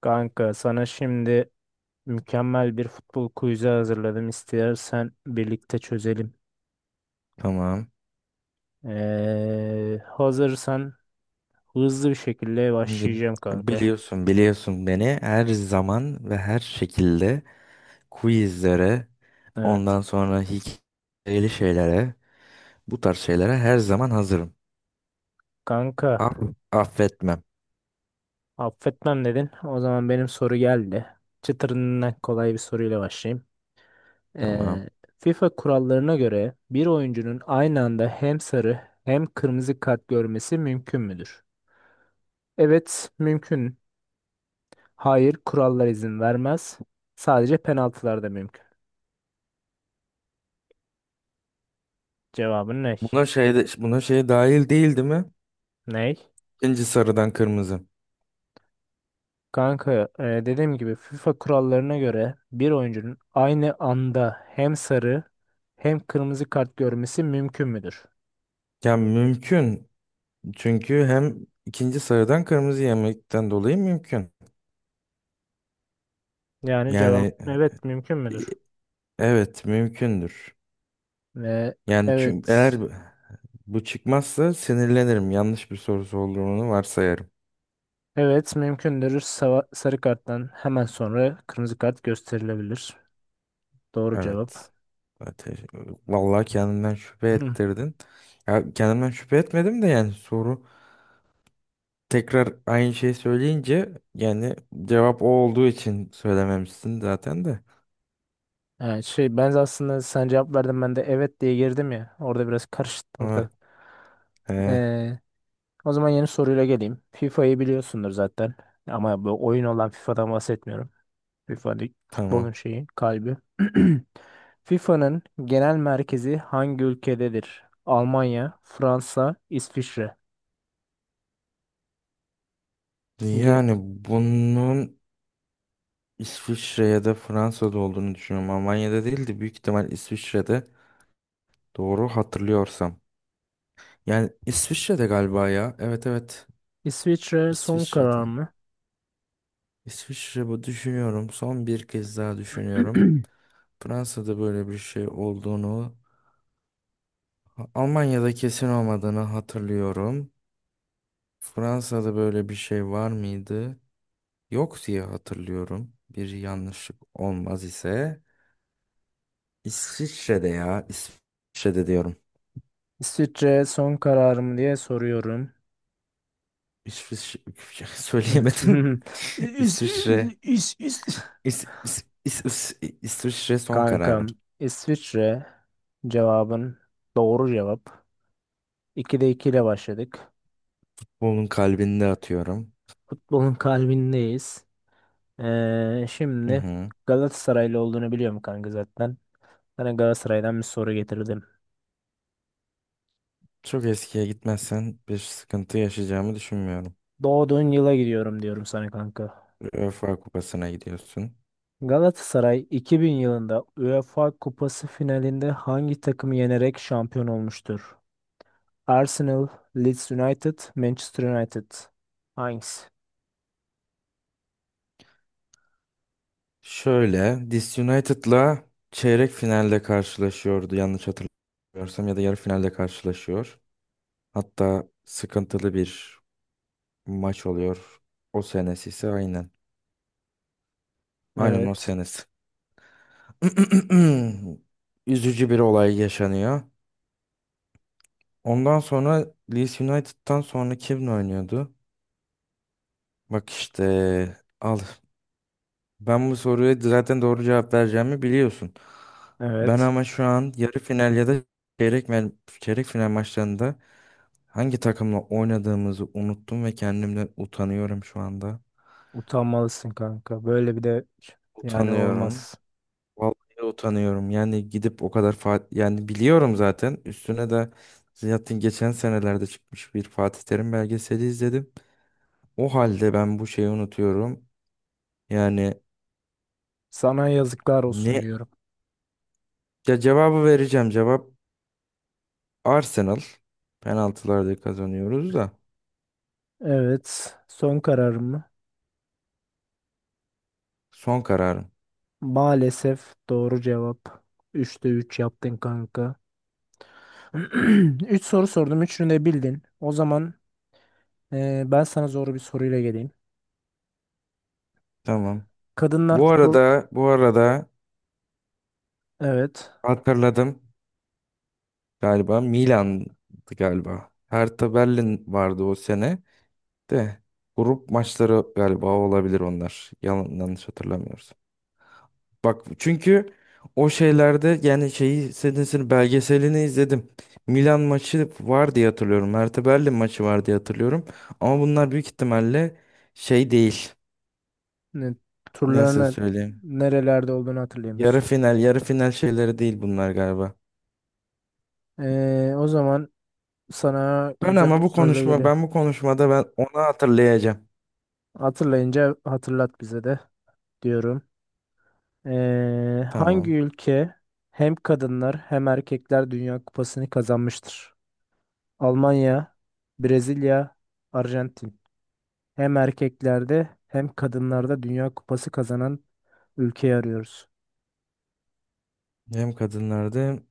Kanka sana şimdi mükemmel bir futbol quiz'i hazırladım. İstersen birlikte çözelim. Tamam. Hazırsan hızlı bir şekilde Şimdi başlayacağım kanka. Biliyorsun beni her zaman ve her şekilde quizlere, Evet. ondan sonra hikayeli şeylere, bu tarz şeylere her zaman hazırım. Kanka Aff affetmem. affetmem dedin. O zaman benim soru geldi. Çıtırından kolay bir soruyla başlayayım. Tamam. Ee, FIFA kurallarına göre bir oyuncunun aynı anda hem sarı hem kırmızı kart görmesi mümkün müdür? Evet, mümkün. Hayır, kurallar izin vermez. Sadece penaltılarda mümkün. Cevabın ne? Buna şey de, buna şey dahil değil, değil mi? Ney? İkinci sarıdan kırmızı. Kanka, dediğim gibi FIFA kurallarına göre bir oyuncunun aynı anda hem sarı hem kırmızı kart görmesi mümkün müdür? Ya mümkün. Çünkü hem ikinci sarıdan kırmızı yemekten dolayı mümkün. Yani cevap Yani evet mümkün e, müdür? evet mümkündür. Ve Yani çünkü eğer evet, bu çıkmazsa sinirlenirim. Yanlış bir sorusu olduğunu varsayarım. evet mümkündür. Sarı karttan hemen sonra kırmızı kart gösterilebilir. Doğru Evet. cevap. Ateş. Vallahi kendimden şüphe ettirdin. Ya kendimden şüphe etmedim de yani soru tekrar aynı şeyi söyleyince yani cevap o olduğu için söylememişsin zaten de. Yani şey, ben aslında sen cevap verdin, ben de evet diye girdim ya. Orada biraz karıştı Ha, ortalık. he, Ee, O zaman yeni soruyla geleyim. FIFA'yı biliyorsundur zaten. Ama bu oyun olan FIFA'dan bahsetmiyorum. FIFA futbolun tamam. şeyi, kalbi. FIFA'nın genel merkezi hangi ülkededir? Almanya, Fransa, İsviçre. Ge- Yani bunun İsviçre ya da Fransa'da olduğunu düşünüyorum. Almanya'da değil de büyük ihtimal İsviçre'de doğru hatırlıyorsam. Yani İsviçre'de galiba ya. Evet, evet. İsviçre son karar İsviçre'de. mı? İsviçre bu düşünüyorum. Son bir kez daha düşünüyorum. Fransa'da böyle bir şey olduğunu, Almanya'da kesin olmadığını hatırlıyorum. Fransa'da böyle bir şey var mıydı? Yok diye hatırlıyorum. Bir yanlışlık olmaz ise. İsviçre'de ya. İsviçre'de diyorum. İsviçre son karar mı diye soruyorum. İsviçre söyleyemedim. İs, İsviçre. is, is. İsviçre son kararım. Kankam, İsviçre cevabın doğru cevap. 2'de 2 ile başladık. Onun kalbinde atıyorum. Futbolun kalbindeyiz. Hı Şimdi hı. Galatasaraylı olduğunu biliyorum kanka zaten. Sana Galatasaray'dan bir soru getirdim. Çok eskiye gitmezsen bir sıkıntı yaşayacağımı düşünmüyorum. Doğduğun yıla gidiyorum diyorum sana kanka. UEFA Kupası'na gidiyorsun. Galatasaray 2000 yılında UEFA Kupası finalinde hangi takımı yenerek şampiyon olmuştur? Arsenal, Leeds United, Manchester United. Hangisi? Şöyle, Dis United'la çeyrek finalde karşılaşıyordu yanlış hatırlamıyorsam ya da yarı finalde karşılaşıyor. Hatta sıkıntılı bir maç oluyor. O senesi ise aynen. Aynen o Evet. senesi. Üzücü bir olay yaşanıyor. Ondan sonra Leeds United'tan sonra kim oynuyordu? Bak işte al, ben bu soruya zaten doğru cevap vereceğimi biliyorsun. Ben Evet. ama şu an yarı final ya da çeyrek, mel- çeyrek final maçlarında hangi takımla oynadığımızı unuttum ve kendimden utanıyorum şu anda. Utanmalısın kanka. Böyle bir de yani Utanıyorum. olmaz. Vallahi utanıyorum. Yani gidip o kadar Fatih yani biliyorum zaten. Üstüne de zaten geçen senelerde çıkmış bir Fatih Terim belgeseli izledim. O halde ben bu şeyi unutuyorum. Yani Sana yazıklar olsun ne diyorum. ya cevabı vereceğim. Cevap Arsenal, penaltılarda kazanıyoruz da, Evet. Son kararım mı? son kararım. Maalesef doğru cevap. Üçte 3 yaptın kanka. 3 soru sordum. Üçünü de bildin. O zaman ben sana zor bir soruyla geleyim. Tamam. Kadınlar Bu futbol... arada bu arada Evet. hatırladım galiba Milan'dı galiba. Hertha Berlin vardı o sene de grup maçları galiba olabilir onlar. Yalan, yanlış hatırlamıyoruz. Bak çünkü o şeylerde yani şeyi senesini belgeselini izledim. Milan maçı var diye hatırlıyorum. Hertha Berlin maçı var diye hatırlıyorum. Ama bunlar büyük ihtimalle şey değil. Ne, Nasıl turlarını söyleyeyim? nerelerde olduğunu hatırlayamıyorsun. Yarı final şeyleri değil bunlar galiba. O zaman sana güzel bir soruyla geleyim. Ben bu konuşmada ben onu hatırlayacağım. Hatırlayınca hatırlat bize de diyorum. Hangi Tamam. ülke hem kadınlar hem erkekler Dünya Kupası'nı kazanmıştır? Almanya, Brezilya, Arjantin. Hem erkeklerde hem kadınlarda Dünya Kupası kazanan ülkeyi arıyoruz. Hem kadınlarda hem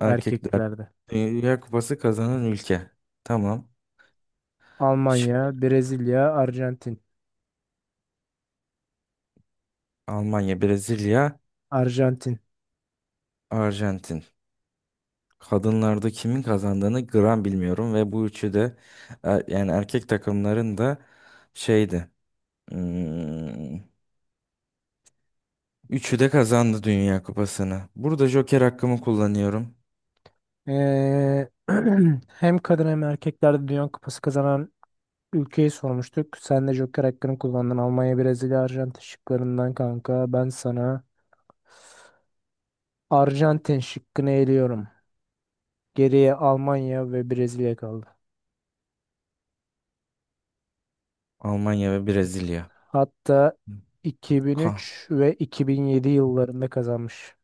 erkekler. Erkeklerde. Dünya Kupası kazanan ülke. Tamam. Şık. Almanya, Brezilya, Arjantin. Almanya, Brezilya, Arjantin. Arjantin. Kadınlarda kimin kazandığını gram bilmiyorum ve bu üçü de yani erkek takımların da şeydi. hmm, üçü de kazandı Dünya Kupası'nı. Burada Joker hakkımı kullanıyorum. Ee, Hem kadın hem erkeklerde Dünya Kupası kazanan ülkeyi sormuştuk. Sen de Joker hakkını kullandın. Almanya, Brezilya, Arjantin şıklarından kanka. Ben sana Arjantin şıkkını eliyorum. Geriye Almanya ve Brezilya kaldı. Almanya ve Brezilya. Hatta Kan, 2003 ve 2007 yıllarında kazanmış.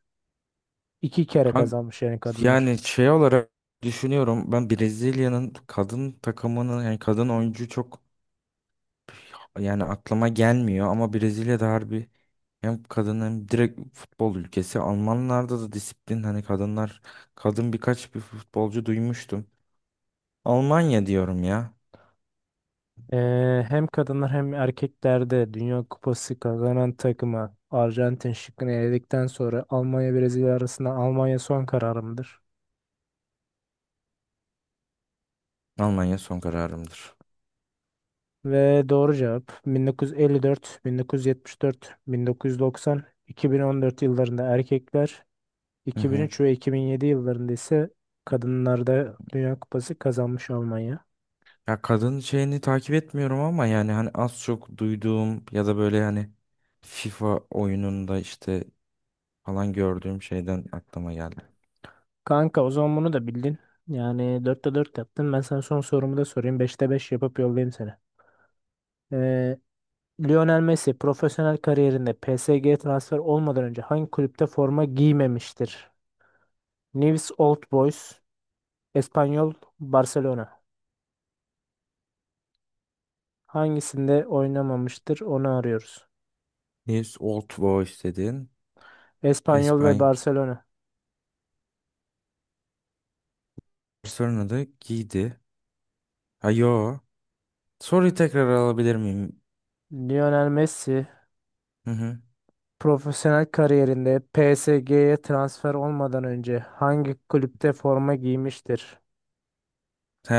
İki kere kan- kazanmış yani kadınlar. yani şey olarak düşünüyorum ben Brezilya'nın kadın takımının yani kadın oyuncu çok yani aklıma gelmiyor ama Brezilya'da harbi hem kadın hem direkt futbol ülkesi. Almanlarda da disiplin hani kadınlar kadın birkaç bir futbolcu duymuştum. Almanya diyorum ya. Hem kadınlar hem erkeklerde Dünya Kupası kazanan takıma Arjantin şıkkını eledikten sonra Almanya Brezilya arasında Almanya son kararımdır. Almanya son kararımdır. Ve doğru cevap: 1954, 1974, 1990, 2014 yıllarında erkekler, Hı hı. 2003 ve 2007 yıllarında ise kadınlarda Dünya Kupası kazanmış Almanya. Ya kadın şeyini takip etmiyorum ama yani hani az çok duyduğum ya da böyle hani FIFA oyununda işte falan gördüğüm şeyden aklıma geldi. Kanka o zaman bunu da bildin. Yani dörtte 4 yaptın. Ben sana son sorumu da sorayım. Beşte 5 yapıp yollayayım seni. Ee, Lionel Messi profesyonel kariyerinde PSG transfer olmadan önce hangi kulüpte forma giymemiştir? Newell's Old Boys, Espanyol, Barcelona. Hangisinde oynamamıştır onu arıyoruz. His Old Boys dedin. Espanyol ve İspanya. Barcelona. Barcelona'da adı Giydi. Ha yo. Soruyu tekrar alabilir miyim? Lionel Messi Hı hı. profesyonel kariyerinde PSG'ye transfer olmadan önce hangi kulüpte forma giymiştir? He,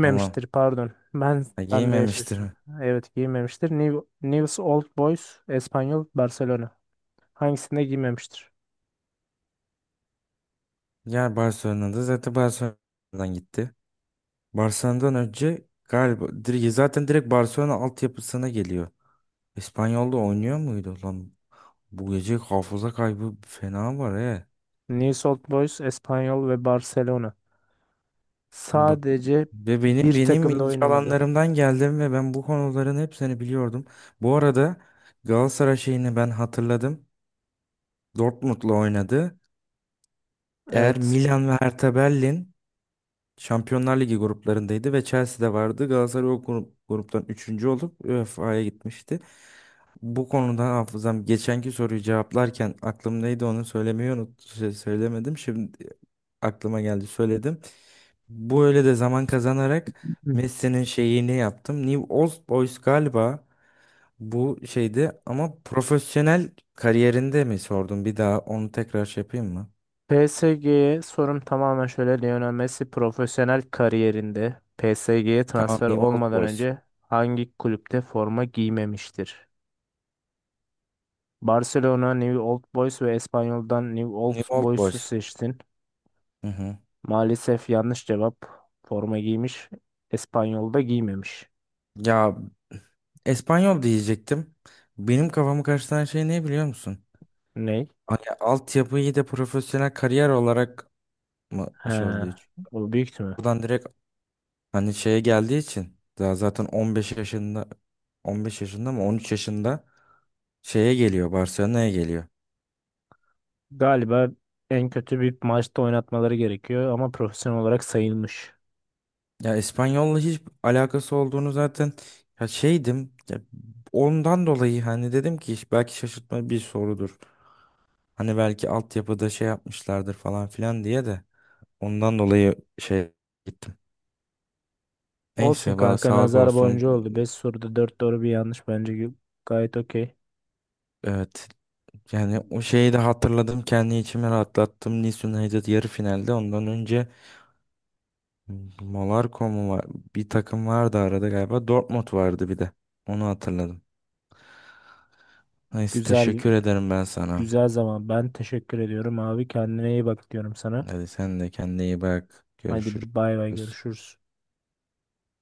tamam. pardon. Ben Ha, ben de giymemiştir şaşırdım. mi? Evet, giymemiştir. News Old Boys, Espanyol, Barcelona. Hangisinde giymemiştir? Ya Barcelona'da zaten Barcelona'dan gitti. Barcelona'dan önce galiba zaten direkt Barcelona altyapısına geliyor. İspanyol'da oynuyor muydu lan? Bu gece hafıza kaybı fena var he. News Old Boys, Espanyol ve Barcelona. Bak Sadece ve benim bir benim takımda ilgi oynamadı. alanlarımdan geldim ve ben bu konuların hepsini biliyordum. Bu arada Galatasaray şeyini ben hatırladım. Dortmund'la oynadı. Eğer Evet. Milan ve Hertha Berlin Şampiyonlar Ligi gruplarındaydı ve Chelsea'de vardı. Galatasaray gruptan üçüncü olup UEFA'ya gitmişti. Bu konuda hafızam geçenki soruyu cevaplarken aklımdaydı onu söylemeyi unut şey, söylemedim. Şimdi aklıma geldi söyledim. Bu öyle de zaman kazanarak Messi'nin şeyini yaptım. New Old Boys galiba bu şeydi ama profesyonel kariyerinde mi sordum? Bir daha onu tekrar şey yapayım mı? PSG'ye sorum tamamen şöyle: Lionel Messi profesyonel kariyerinde PSG'ye Tamam, transfer New Old olmadan Boys. önce hangi kulüpte forma giymemiştir? Barcelona, New Old Boys ve Espanyol'dan New Old New Old Boys'u Boys. seçtin. Hı hı. Maalesef yanlış cevap. Forma giymiş. İspanyol'da giymemiş. Ya İspanyol diyecektim. Benim kafamı karıştıran şey ne biliyor musun? Ney? Hani altyapıyı da profesyonel kariyer olarak mı He, şey oluyor? bu büyük mü? Buradan direkt hani şeye geldiği için daha zaten 15 yaşında, 15 yaşında mı 13 yaşında şeye geliyor, Barcelona'ya geliyor. Galiba en kötü bir maçta oynatmaları gerekiyor ama profesyonel olarak sayılmış. Ya İspanyol'la hiç alakası olduğunu zaten ya şeydim. Ya ondan dolayı hani dedim ki belki şaşırtma bir sorudur. Hani belki altyapıda şey yapmışlardır falan filan diye de ondan dolayı şey gittim. Olsun Neyse valla kanka, sağlık nazar olsun. boncuğu oldu. Beş soruda 4 doğru bir yanlış bence gayet okey. Evet. Yani o şeyi de hatırladım. Kendi içime rahatlattım. Nice United yarı finalde. Ondan önce Monaco mu var? Bir takım vardı arada galiba. Dortmund vardı bir de. Onu hatırladım. Neyse Güzel, teşekkür ederim ben sana. güzel zaman. Ben teşekkür ediyorum abi. Kendine iyi bak diyorum sana. Hadi sen de kendine iyi bak. Hadi bay bay, Görüşürüz. görüşürüz.